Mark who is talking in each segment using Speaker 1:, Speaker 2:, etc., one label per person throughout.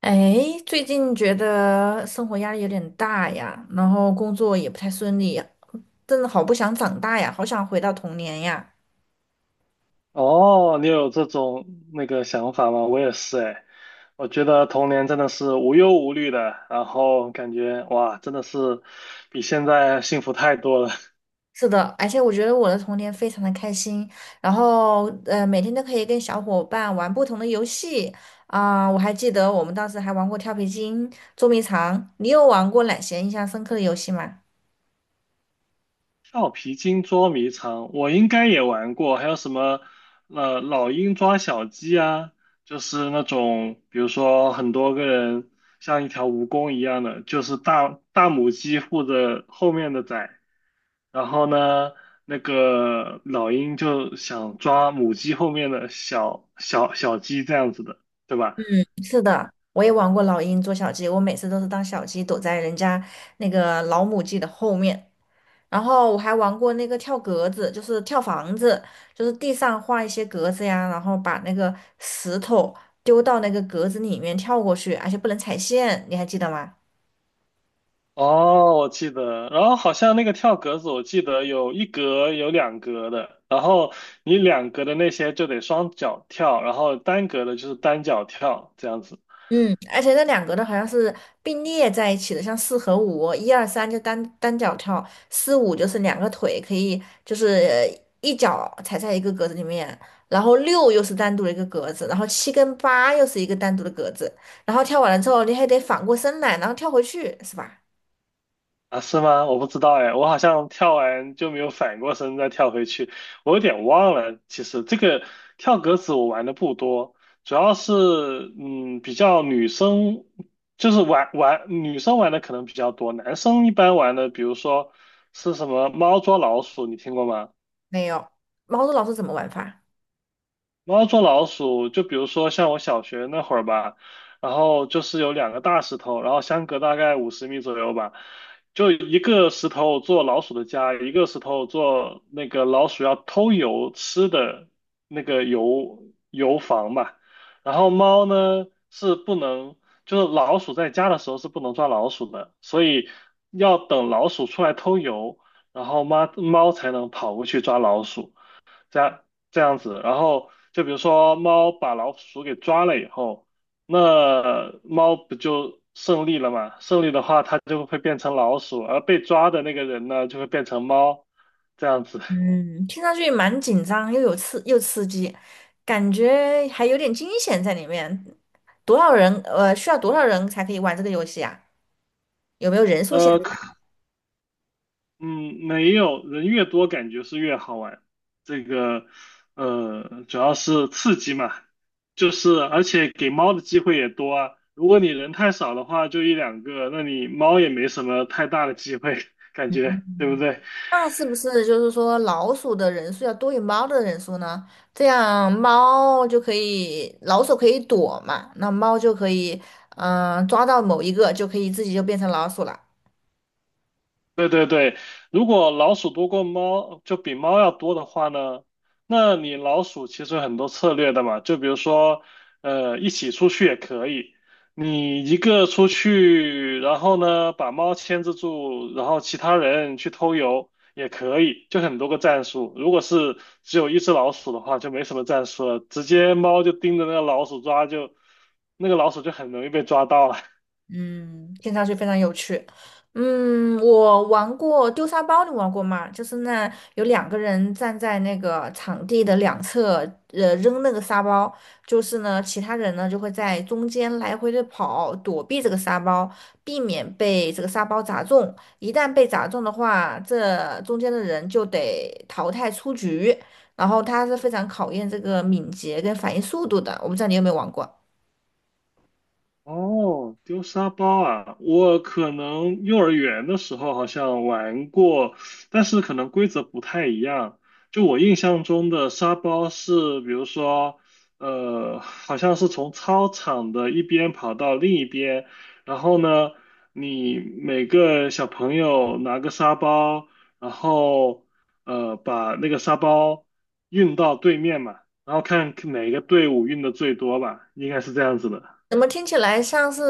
Speaker 1: 哎，最近觉得生活压力有点大呀，然后工作也不太顺利呀，真的好不想长大呀，好想回到童年呀。
Speaker 2: 哦，你有这种想法吗？我也是哎，我觉得童年真的是无忧无虑的，然后感觉哇，真的是比现在幸福太多了。
Speaker 1: 是的，而且我觉得我的童年非常的开心，然后每天都可以跟小伙伴玩不同的游戏啊，我还记得我们当时还玩过跳皮筋、捉迷藏。你有玩过哪些印象深刻的游戏吗？
Speaker 2: 跳皮筋捉迷藏，我应该也玩过，还有什么老鹰抓小鸡啊，就是那种比如说很多个人像一条蜈蚣一样的，就是大大母鸡护着后面的崽，然后呢那个老鹰就想抓母鸡后面的小鸡这样子的，对吧？
Speaker 1: 是的，我也玩过老鹰捉小鸡，我每次都是当小鸡躲在人家那个老母鸡的后面。然后我还玩过那个跳格子，就是跳房子，就是地上画一些格子呀，然后把那个石头丢到那个格子里面跳过去，而且不能踩线，你还记得吗？
Speaker 2: 哦，我记得，然后好像那个跳格子，我记得有一格有两格的，然后你两格的那些就得双脚跳，然后单格的就是单脚跳，这样子。
Speaker 1: 嗯，而且那两格的好像是并列在一起的，像四和五，一二三就单脚跳，四五就是两个腿可以就是一脚踩在一个格子里面，然后六又是单独的一个格子，然后七跟八又是一个单独的格子，然后跳完了之后你还得反过身来，然后跳回去，是吧？
Speaker 2: 啊？是吗？我不知道哎，我好像跳完就没有反过身再跳回去，我有点忘了。其实这个跳格子我玩的不多，主要是比较女生，就是玩女生玩的可能比较多，男生一般玩的比如说是什么猫捉老鼠，你听过吗？
Speaker 1: 没有，猫豆老鼠怎么玩法？
Speaker 2: 猫捉老鼠，就比如说像我小学那会儿吧，然后就是有两个大石头，然后相隔大概五十米左右吧，就一个石头做老鼠的家，一个石头做那个老鼠要偷油吃的那个油房吧。然后猫呢是不能，就是老鼠在家的时候是不能抓老鼠的，所以要等老鼠出来偷油，然后猫猫才能跑过去抓老鼠。这样这样子，然后就比如说猫把老鼠给抓了以后，那猫不就胜利了嘛？胜利的话，它就会变成老鼠，而被抓的那个人呢，就会变成猫，这样子。
Speaker 1: 嗯，听上去蛮紧张，又有刺又刺激，感觉还有点惊险在里面。多少人？需要多少人才可以玩这个游戏啊？有没有人数限
Speaker 2: 呃，
Speaker 1: 制？
Speaker 2: 可嗯，没有，人越多感觉是越好玩。这个，主要是刺激嘛，就是而且给猫的机会也多啊。如果你人太少的话，就一两个，那你猫也没什么太大的机会，感觉，对不对？
Speaker 1: 那是不是就是说老鼠的人数要多于猫的人数呢？这样猫就可以，老鼠可以躲嘛，那猫就可以，嗯、抓到某一个就可以自己就变成老鼠了。
Speaker 2: 对对对，如果老鼠多过猫，就比猫要多的话呢，那你老鼠其实有很多策略的嘛，就比如说，一起出去也可以，你一个出去，然后呢把猫牵制住，然后其他人去偷油也可以，就很多个战术。如果是只有一只老鼠的话，就没什么战术了，直接猫就盯着那个老鼠抓就，那个老鼠就很容易被抓到了。
Speaker 1: 嗯，听上去非常有趣。嗯，我玩过丢沙包，你玩过吗？就是那有两个人站在那个场地的两侧，扔那个沙包，就是呢，其他人呢就会在中间来回的跑，躲避这个沙包，避免被这个沙包砸中。一旦被砸中的话，这中间的人就得淘汰出局。然后它是非常考验这个敏捷跟反应速度的。我不知道你有没有玩过。
Speaker 2: 哦，丢沙包啊！我可能幼儿园的时候好像玩过，但是可能规则不太一样。就我印象中的沙包是，比如说，好像是从操场的一边跑到另一边，然后呢，你每个小朋友拿个沙包，然后把那个沙包运到对面嘛，然后看哪个队伍运的最多吧，应该是这样子的。
Speaker 1: 怎么听起来像是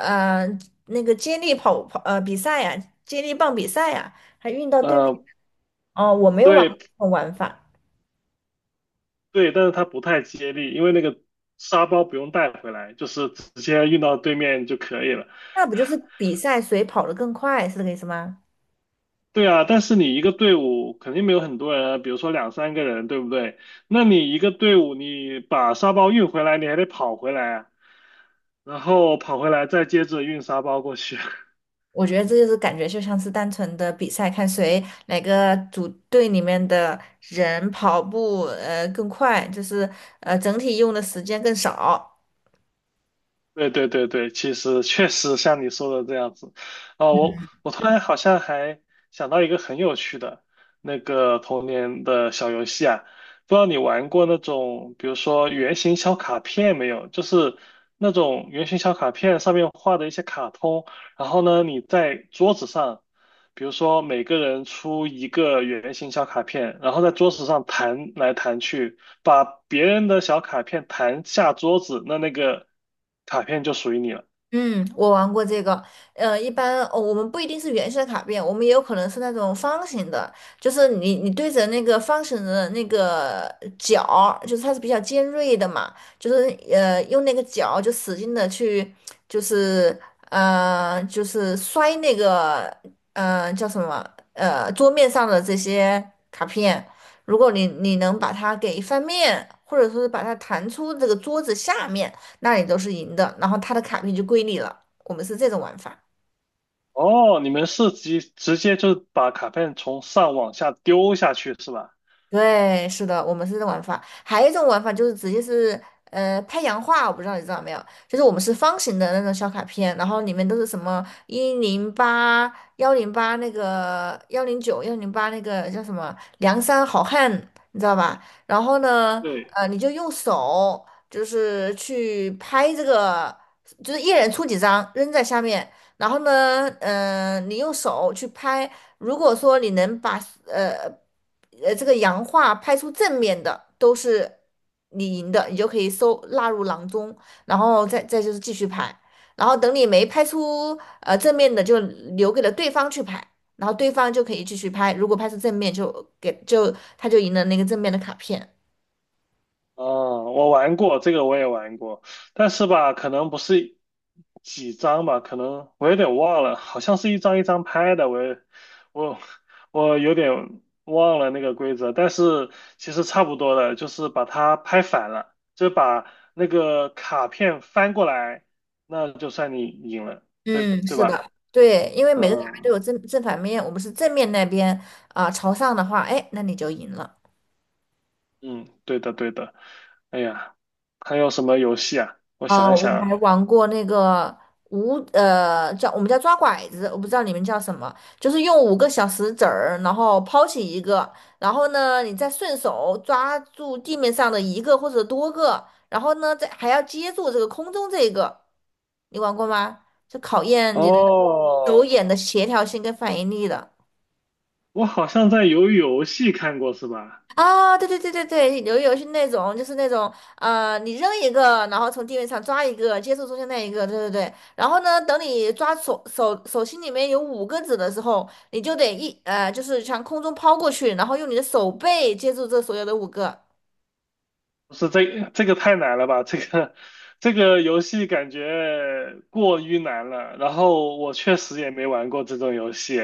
Speaker 1: 呃那个接力跑比赛呀、接力棒比赛呀、还运到对面
Speaker 2: 呃，
Speaker 1: 哦，我没有玩过
Speaker 2: 对
Speaker 1: 这种玩法，
Speaker 2: 对，但是它不太接力，因为那个沙包不用带回来，就是直接运到对面就可以了。
Speaker 1: 那不就是比赛谁跑得更快，是这个意思吗？
Speaker 2: 对啊，但是你一个队伍肯定没有很多人啊，比如说两三个人，对不对？那你一个队伍，你把沙包运回来，你还得跑回来啊，然后跑回来再接着运沙包过去。
Speaker 1: 我觉得这就是感觉就像是单纯的比赛，看谁哪个组队里面的人跑步更快，就是整体用的时间更少。
Speaker 2: 对对对对，其实确实像你说的这样子，啊、我突然好像还想到一个很有趣的那个童年的小游戏啊，不知道你玩过那种，比如说圆形小卡片没有？就是那种圆形小卡片上面画的一些卡通，然后呢，你在桌子上。比如说每个人出一个圆形小卡片，然后在桌子上弹来弹去，把别人的小卡片弹下桌子，那那个卡片就属于你了。
Speaker 1: 嗯，我玩过这个，一般哦，我们不一定是圆形的卡片，我们也有可能是那种方形的，就是你对着那个方形的那个角儿就是它是比较尖锐的嘛，就是用那个角就使劲的去，就是就是摔那个叫什么桌面上的这些卡片，如果你能把它给翻面，或者说是把它弹出这个桌子下面。那你都是赢的，然后他的卡片就归你了。我们是这种玩法。
Speaker 2: 哦，你们是直接就是把卡片从上往下丢下去是吧？
Speaker 1: 对，是的，我们是这种玩法。还有一种玩法就是直接是拍洋画，我不知道你知道没有？就是我们是方形的那种小卡片，然后里面都是什么108、幺零八那个109、幺零八那个叫什么梁山好汉，你知道吧？然后呢，
Speaker 2: 对，
Speaker 1: 你就用手就是去拍这个，就是一人出几张扔在下面。然后呢，你用手去拍，如果说你能把呃这个洋画拍出正面的，都是你赢的，你就可以收纳入囊中，然后再就是继续拍，然后等你没拍出正面的，就留给了对方去拍，然后对方就可以继续拍，如果拍出正面就给就他就赢了那个正面的卡片。
Speaker 2: 哦，我玩过这个，我也玩过，但是吧，可能不是几张吧，可能我有点忘了，好像是一张一张拍的，我也我我有点忘了那个规则，但是其实差不多的，就是把它拍反了，就把那个卡片翻过来，那就算你赢了，对
Speaker 1: 嗯，
Speaker 2: 对
Speaker 1: 是
Speaker 2: 吧？
Speaker 1: 的，对，因为每个卡片
Speaker 2: 嗯
Speaker 1: 都有正反面，我们是正面那边啊、朝上的话，哎，那你就赢了。
Speaker 2: 嗯，对的对的。哎呀，还有什么游戏啊？我
Speaker 1: 啊、
Speaker 2: 想一
Speaker 1: 我
Speaker 2: 想啊，
Speaker 1: 还玩过那个我们叫抓拐子，我不知道你们叫什么，就是用五个小石子儿，然后抛起一个，然后呢你再顺手抓住地面上的一个或者多个，然后呢再还要接住这个空中这个，你玩过吗？就考验你的手
Speaker 2: 哦。
Speaker 1: 眼的协调性跟反应力的。
Speaker 2: 我好像在鱿鱼游戏看过，是吧？
Speaker 1: 啊，对对对对对，是那种，就是那种，你扔一个，然后从地面上抓一个，接住中间那一个，对对对。然后呢，等你抓手心里面有五个子的时候，你就得就是向空中抛过去，然后用你的手背接住这所有的五个。
Speaker 2: 不是这个太难了吧？这个游戏感觉过于难了。然后我确实也没玩过这种游戏。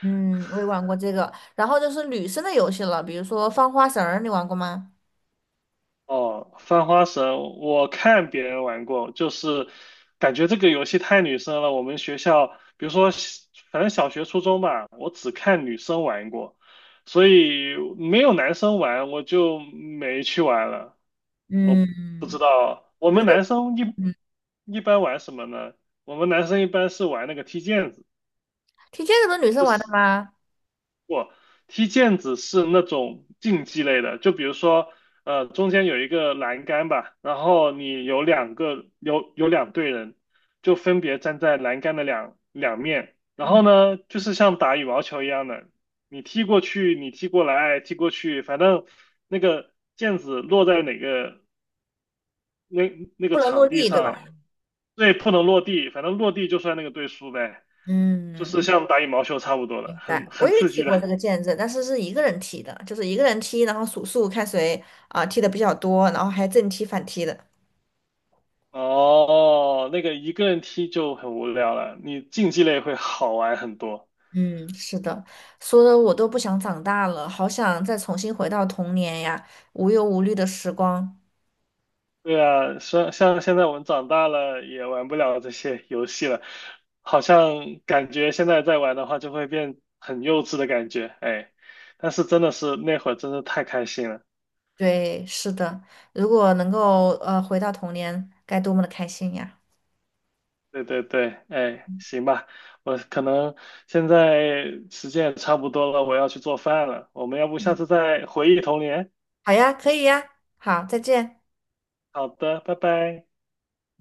Speaker 1: 嗯，我也玩过这个。然后就是女生的游戏了，比如说放花绳儿，你玩过吗？
Speaker 2: 哦，翻花绳，我看别人玩过，就是感觉这个游戏太女生了。我们学校，比如说反正小学、初中吧，我只看女生玩过，所以没有男生玩，我就没去玩了。我不知
Speaker 1: 嗯
Speaker 2: 道，我们男生
Speaker 1: 嗯，
Speaker 2: 一般玩什么呢？我们男生一般是玩那个踢毽子，
Speaker 1: 踢毽子不是女生
Speaker 2: 就
Speaker 1: 玩的
Speaker 2: 是
Speaker 1: 吗？
Speaker 2: 我踢毽子是那种竞技类的，就比如说，中间有一个栏杆吧，然后你有两个有两队人，就分别站在栏杆的两两面，然
Speaker 1: 嗯，
Speaker 2: 后呢，就是像打羽毛球一样的，你踢过去，你踢过来，踢过去，反正那个毽子落在哪个那那个
Speaker 1: 不能落
Speaker 2: 场地
Speaker 1: 地，对吧？
Speaker 2: 上，对，不能落地，反正落地就算那个队输呗，就
Speaker 1: 嗯，
Speaker 2: 是像打羽毛球差不多的，
Speaker 1: 对，我
Speaker 2: 很
Speaker 1: 也
Speaker 2: 刺
Speaker 1: 踢
Speaker 2: 激的。
Speaker 1: 过这个毽子，但是是一个人踢的，就是一个人踢，然后数数看谁啊、踢的比较多，然后还正踢反踢的。
Speaker 2: 哦，那个一个人踢就很无聊了，你竞技类会好玩很多。
Speaker 1: 嗯，是的，说的我都不想长大了，好想再重新回到童年呀，无忧无虑的时光。
Speaker 2: 对啊，像现在我们长大了也玩不了这些游戏了，好像感觉现在再玩的话就会变很幼稚的感觉，哎，但是真的是那会儿真的太开心了。
Speaker 1: 对，是的，如果能够回到童年，该多么的开心呀！
Speaker 2: 对对对，哎，行吧，我可能现在时间也差不多了，我要去做饭了。我们要不下次再回忆童年？
Speaker 1: 好呀，可以呀，好，再见。
Speaker 2: 好的，拜拜。